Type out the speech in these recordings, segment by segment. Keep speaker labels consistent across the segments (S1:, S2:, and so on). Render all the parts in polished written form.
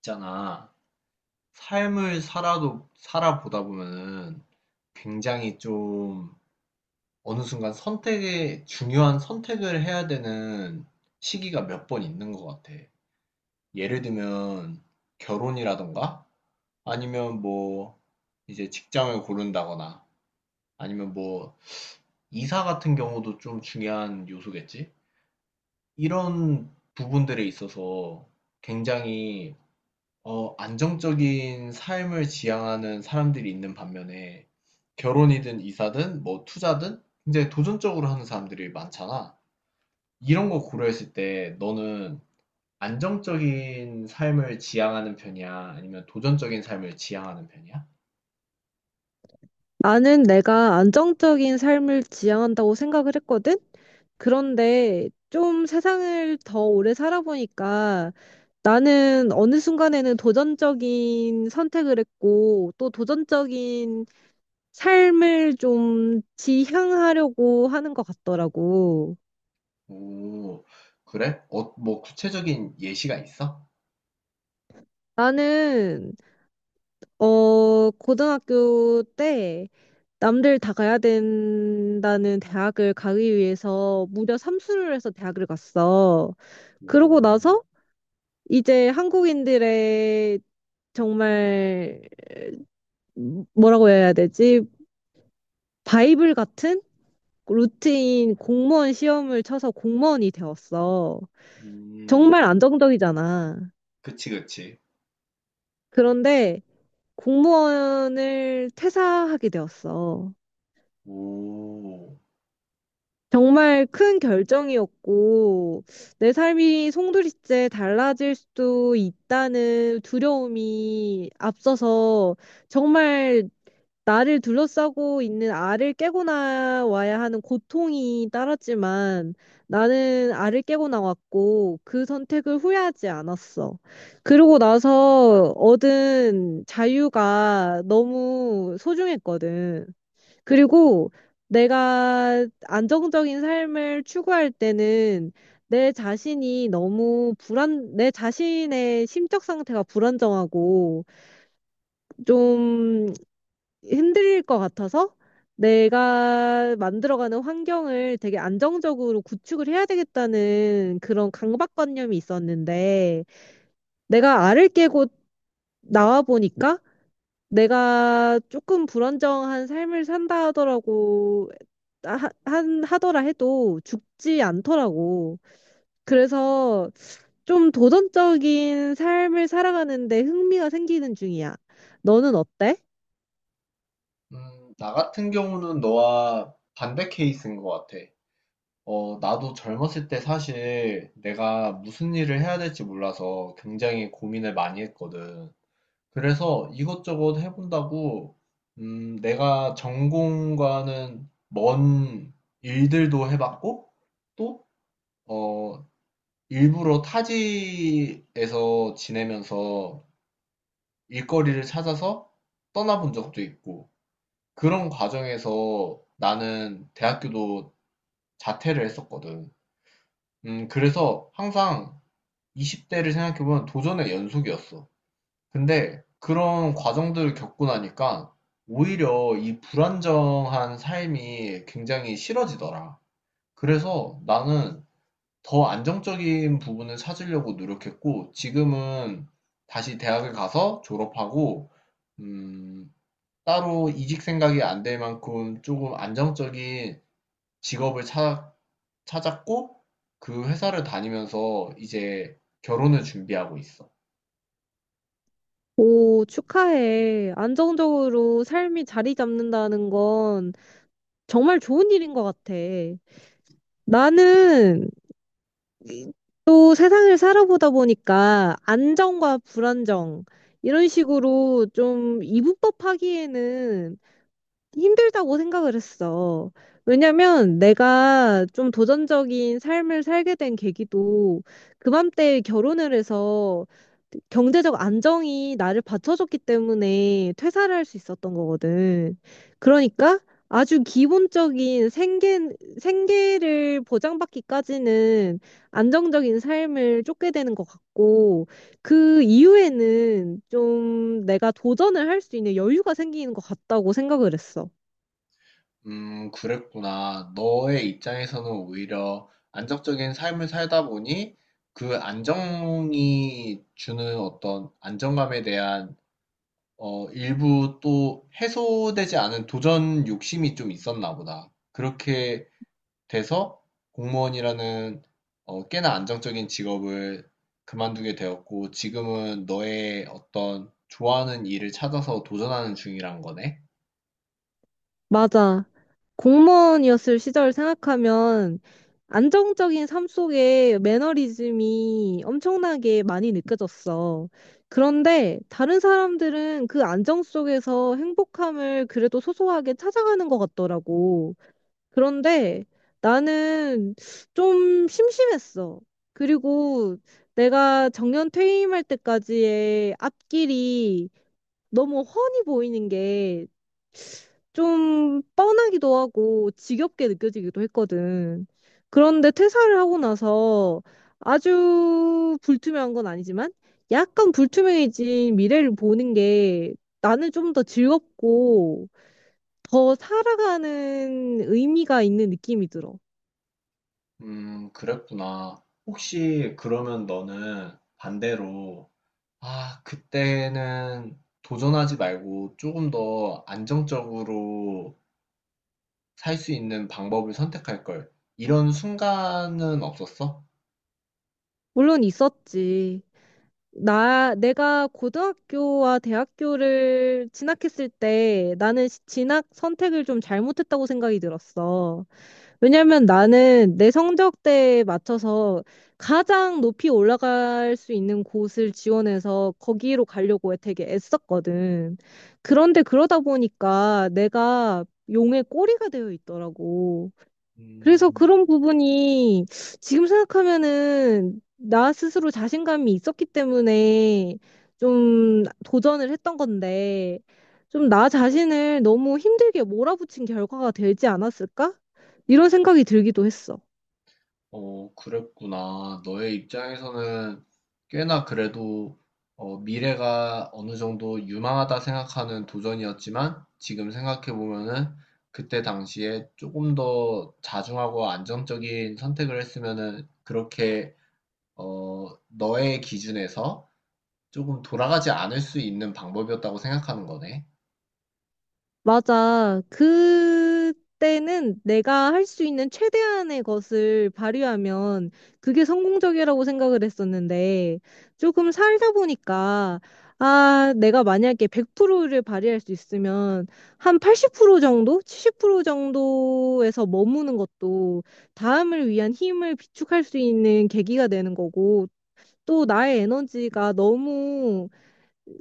S1: 있잖아. 삶을 살아도, 살아보다 보면은 굉장히 좀 어느 순간 선택에, 중요한 선택을 해야 되는 시기가 몇 번 있는 것 같아. 예를 들면 결혼이라던가 아니면 뭐 이제 직장을 고른다거나 아니면 뭐 이사 같은 경우도 좀 중요한 요소겠지? 이런 부분들에 있어서 굉장히 안정적인 삶을 지향하는 사람들이 있는 반면에 결혼이든 이사든 뭐 투자든 굉장히 도전적으로 하는 사람들이 많잖아. 이런 거 고려했을 때 너는 안정적인 삶을 지향하는 편이야? 아니면 도전적인 삶을 지향하는 편이야?
S2: 나는 내가 안정적인 삶을 지향한다고 생각을 했거든? 그런데 좀 세상을 더 오래 살아보니까 나는 어느 순간에는 도전적인 선택을 했고 또 도전적인 삶을 좀 지향하려고 하는 것 같더라고.
S1: 오, 그래? 뭐 구체적인 예시가 있어?
S2: 나는, 고등학교 때 남들 다 가야 된다는 대학을 가기 위해서 무려 삼수를 해서 대학을 갔어.
S1: 오.
S2: 그러고 나서 이제 한국인들의 정말 뭐라고 해야 되지? 바이블 같은 루틴 공무원 시험을 쳐서 공무원이 되었어.
S1: 음.
S2: 정말 안정적이잖아.
S1: 그치, 그치.
S2: 그런데 공무원을 퇴사하게 되었어.
S1: 오.
S2: 정말 큰 결정이었고, 내 삶이 송두리째 달라질 수도 있다는 두려움이 앞서서 정말 나를 둘러싸고 있는 알을 깨고 나와야 하는 고통이 따랐지만, 나는 알을 깨고 나왔고 그 선택을 후회하지 않았어. 그러고 나서 얻은 자유가 너무 소중했거든. 그리고 내가 안정적인 삶을 추구할 때는 내 자신의 심적 상태가 불안정하고 좀 흔들릴 것 같아서 내가 만들어가는 환경을 되게 안정적으로 구축을 해야 되겠다는 그런 강박관념이 있었는데, 내가 알을 깨고 나와 보니까 내가 조금 불안정한 삶을 산다 하더라고, 하, 한 하더라 해도 죽지 않더라고. 그래서 좀 도전적인 삶을 살아가는데 흥미가 생기는 중이야. 너는 어때?
S1: 음. 나 같은 경우는 너와 반대 케이스인 것 같아. 나도 젊었을 때 사실 내가 무슨 일을 해야 될지 몰라서 굉장히 고민을 많이 했거든. 그래서 이것저것 해본다고, 내가 전공과는 먼 일들도 해봤고, 또, 어, 일부러 타지에서 지내면서 일거리를 찾아서 떠나본 적도 있고, 그런 과정에서 나는 대학교도 자퇴를 했었거든. 그래서 항상 이십 대를 생각해보면 도전의 연속이었어. 근데 그런 과정들을 겪고 나니까 오히려 이 불안정한 삶이 굉장히 싫어지더라. 그래서 나는 더 안정적인 부분을 찾으려고 노력했고, 지금은 다시 대학을 가서 졸업하고, 음, 따로 이직 생각이 안 될 만큼 조금 안정적인 직업을 찾았고, 그 회사를 다니면서 이제 결혼을 준비하고 있어.
S2: 오, 축하해. 안정적으로 삶이 자리 잡는다는 건 정말 좋은 일인 것 같아. 나는 이- 또 세상을 살아보다 보니까 안정과 불안정, 이런 식으로 좀 이분법하기에는 힘들다고 생각을 했어. 왜냐면 내가 좀 도전적인 삶을 살게 된 계기도 그맘때 결혼을 해서 경제적 안정이 나를 받쳐줬기 때문에 퇴사를 할 수 있었던 거거든. 그러니까 아주 기본적인 생계를 보장받기까지는 안정적인 삶을 쫓게 되는 것 같고, 그 이후에는 좀 내가 도전을 할 수 있는 여유가 생기는 것 같다고 생각을 했어.
S1: 그랬구나. 너의 입장에서는 오히려 안정적인 삶을 살다 보니 그 안정이 주는 어떤 안정감에 대한 일부 또 해소되지 않은 도전 욕심이 좀 있었나 보다. 그렇게 돼서 공무원이라는 꽤나 안정적인 직업을 그만두게 되었고 지금은 너의 어떤 좋아하는 일을 찾아서 도전하는 중이란 거네.
S2: 맞아. 공무원이었을 시절 생각하면 안정적인 삶 속에 매너리즘이 엄청나게 많이 느껴졌어. 그런데 다른 사람들은 그 안정 속에서 행복함을 그래도 소소하게 찾아가는 것 같더라고. 그런데 나는 좀 심심했어. 그리고 내가 정년 퇴임할 때까지의 앞길이 너무 훤히 보이는 게 좀 뻔하기도 하고 지겹게 느껴지기도 했거든. 그런데 퇴사를 하고 나서 아주 불투명한 건 아니지만 약간 불투명해진 미래를 보는 게 나는 좀 더 즐겁고 더 살아가는 의미가 있는 느낌이 들어.
S1: 그랬구나. 혹시 그러면 너는 반대로, 아, 그때는 도전하지 말고 조금 더 안정적으로 살 수 있는 방법을 선택할 걸. 이런 순간은 없었어?
S2: 물론 있었지. 내가 고등학교와 대학교를 진학했을 때 나는 진학 선택을 좀 잘못했다고 생각이 들었어. 왜냐면 나는 내 성적대에 맞춰서 가장 높이 올라갈 수 있는 곳을 지원해서 거기로 가려고 되게 애썼거든. 그런데 그러다 보니까 내가 용의 꼬리가 되어 있더라고.
S1: 음.
S2: 그래서 그런 부분이 지금 생각하면은 나 스스로 자신감이 있었기 때문에 좀 도전을 했던 건데, 좀 나 자신을 너무 힘들게 몰아붙인 결과가 되지 않았을까? 이런 생각이 들기도 했어.
S1: 그랬구나. 너의 입장에서는 꽤나 그래도 미래가 어느 정도 유망하다 생각하는 도전이었지만 지금 생각해보면은 그때 당시에 조금 더 자중하고 안정적인 선택을 했으면은 그렇게 너의 기준에서 조금 돌아가지 않을 수 있는 방법이었다고 생각하는 거네.
S2: 맞아. 그때는 내가 할 수 있는 최대한의 것을 발휘하면 그게 성공적이라고 생각을 했었는데, 조금 살다 보니까, 아, 내가 만약에 100%를 발휘할 수 있으면 한 80% 정도? 70% 정도에서 머무는 것도 다음을 위한 힘을 비축할 수 있는 계기가 되는 거고, 또 나의 에너지가 너무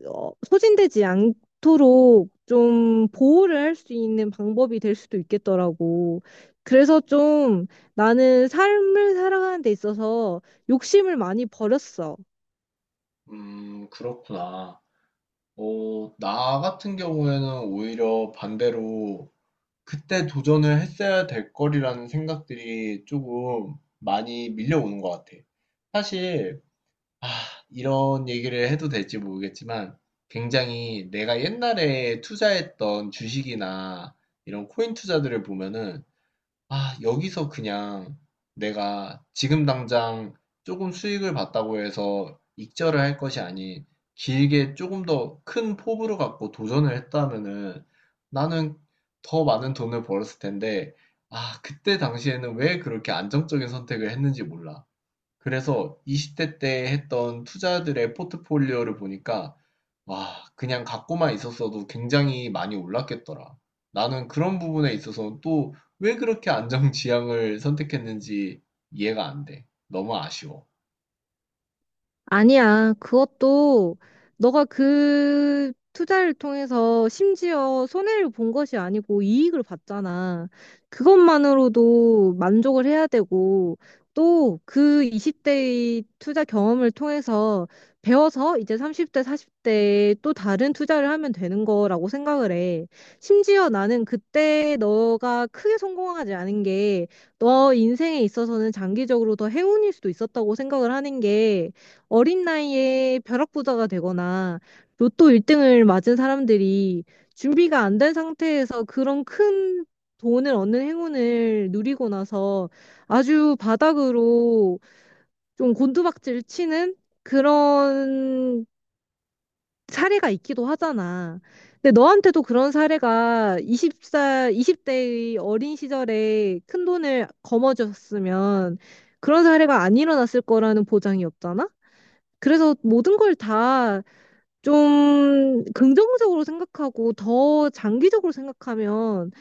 S2: 소진되지 않도록 좀 보호를 할 수 있는 방법이 될 수도 있겠더라고. 그래서 좀 나는 삶을 살아가는 데 있어서 욕심을 많이 버렸어.
S1: 그렇구나. 나 같은 경우에는 오히려 반대로 그때 도전을 했어야 될 거리라는 생각들이 조금 많이 밀려오는 것 같아. 사실 아 이런 얘기를 해도 될지 모르겠지만 굉장히 내가 옛날에 투자했던 주식이나 이런 코인 투자들을 보면은 아, 여기서 그냥 내가 지금 당장 조금 수익을 봤다고 해서 익절을 할 것이 아닌 길게 조금 더 큰 포부를 갖고 도전을 했다면은 나는 더 많은 돈을 벌었을 텐데, 아, 그때 당시에는 왜 그렇게 안정적인 선택을 했는지 몰라. 그래서 20대 때 했던 투자들의 포트폴리오를 보니까 와, 그냥 갖고만 있었어도 굉장히 많이 올랐겠더라. 나는 그런 부분에 있어서 또 왜 그렇게 안정지향을 선택했는지 이해가 안 돼. 너무 아쉬워.
S2: 아니야. 그것도 너가 그 투자를 통해서 심지어 손해를 본 것이 아니고 이익을 봤잖아. 그것만으로도 만족을 해야 되고, 또 그 20대의 투자 경험을 통해서 배워서 이제 30대, 40대에 또 다른 투자를 하면 되는 거라고 생각을 해. 심지어 나는 그때 너가 크게 성공하지 않은 게 너 인생에 있어서는 장기적으로 더 행운일 수도 있었다고 생각을 하는 게, 어린 나이에 벼락부자가 되거나 로또 1등을 맞은 사람들이 준비가 안 된 상태에서 그런 큰 돈을 얻는 행운을 누리고 나서 아주 바닥으로 좀 곤두박질 치는 그런 사례가 있기도 하잖아. 근데 너한테도 그런 사례가 20살, 20대의 어린 시절에 큰 돈을 거머쥐었으면 그런 사례가 안 일어났을 거라는 보장이 없잖아? 그래서 모든 걸 다 좀 긍정적으로 생각하고 더 장기적으로 생각하면,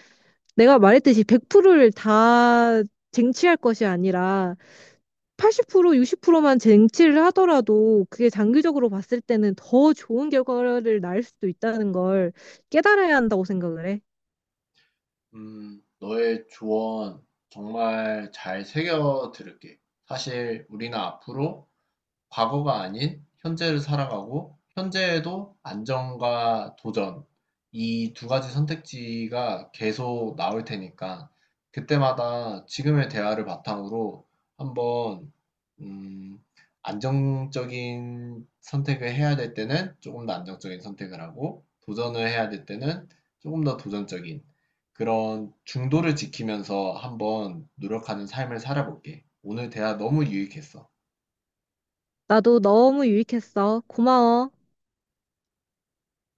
S2: 내가 말했듯이 100%를 다 쟁취할 것이 아니라 80%, 60%만 쟁취를 하더라도 그게 장기적으로 봤을 때는 더 좋은 결과를 낳을 수도 있다는 걸 깨달아야 한다고 생각을 해.
S1: 너의 조언 정말 잘 새겨 들을게. 사실 우리는 앞으로 과거가 아닌 현재를 살아가고 현재에도 안정과 도전 이 두 가지 선택지가 계속 나올 테니까 그때마다 지금의 대화를 바탕으로 한번 음, 안정적인 선택을 해야 될 때는 조금 더 안정적인 선택을 하고 도전을 해야 될 때는 조금 더 도전적인 그런 중도를 지키면서 한번 노력하는 삶을 살아볼게. 오늘 대화 너무 유익했어.
S2: 나도 너무 유익했어. 고마워.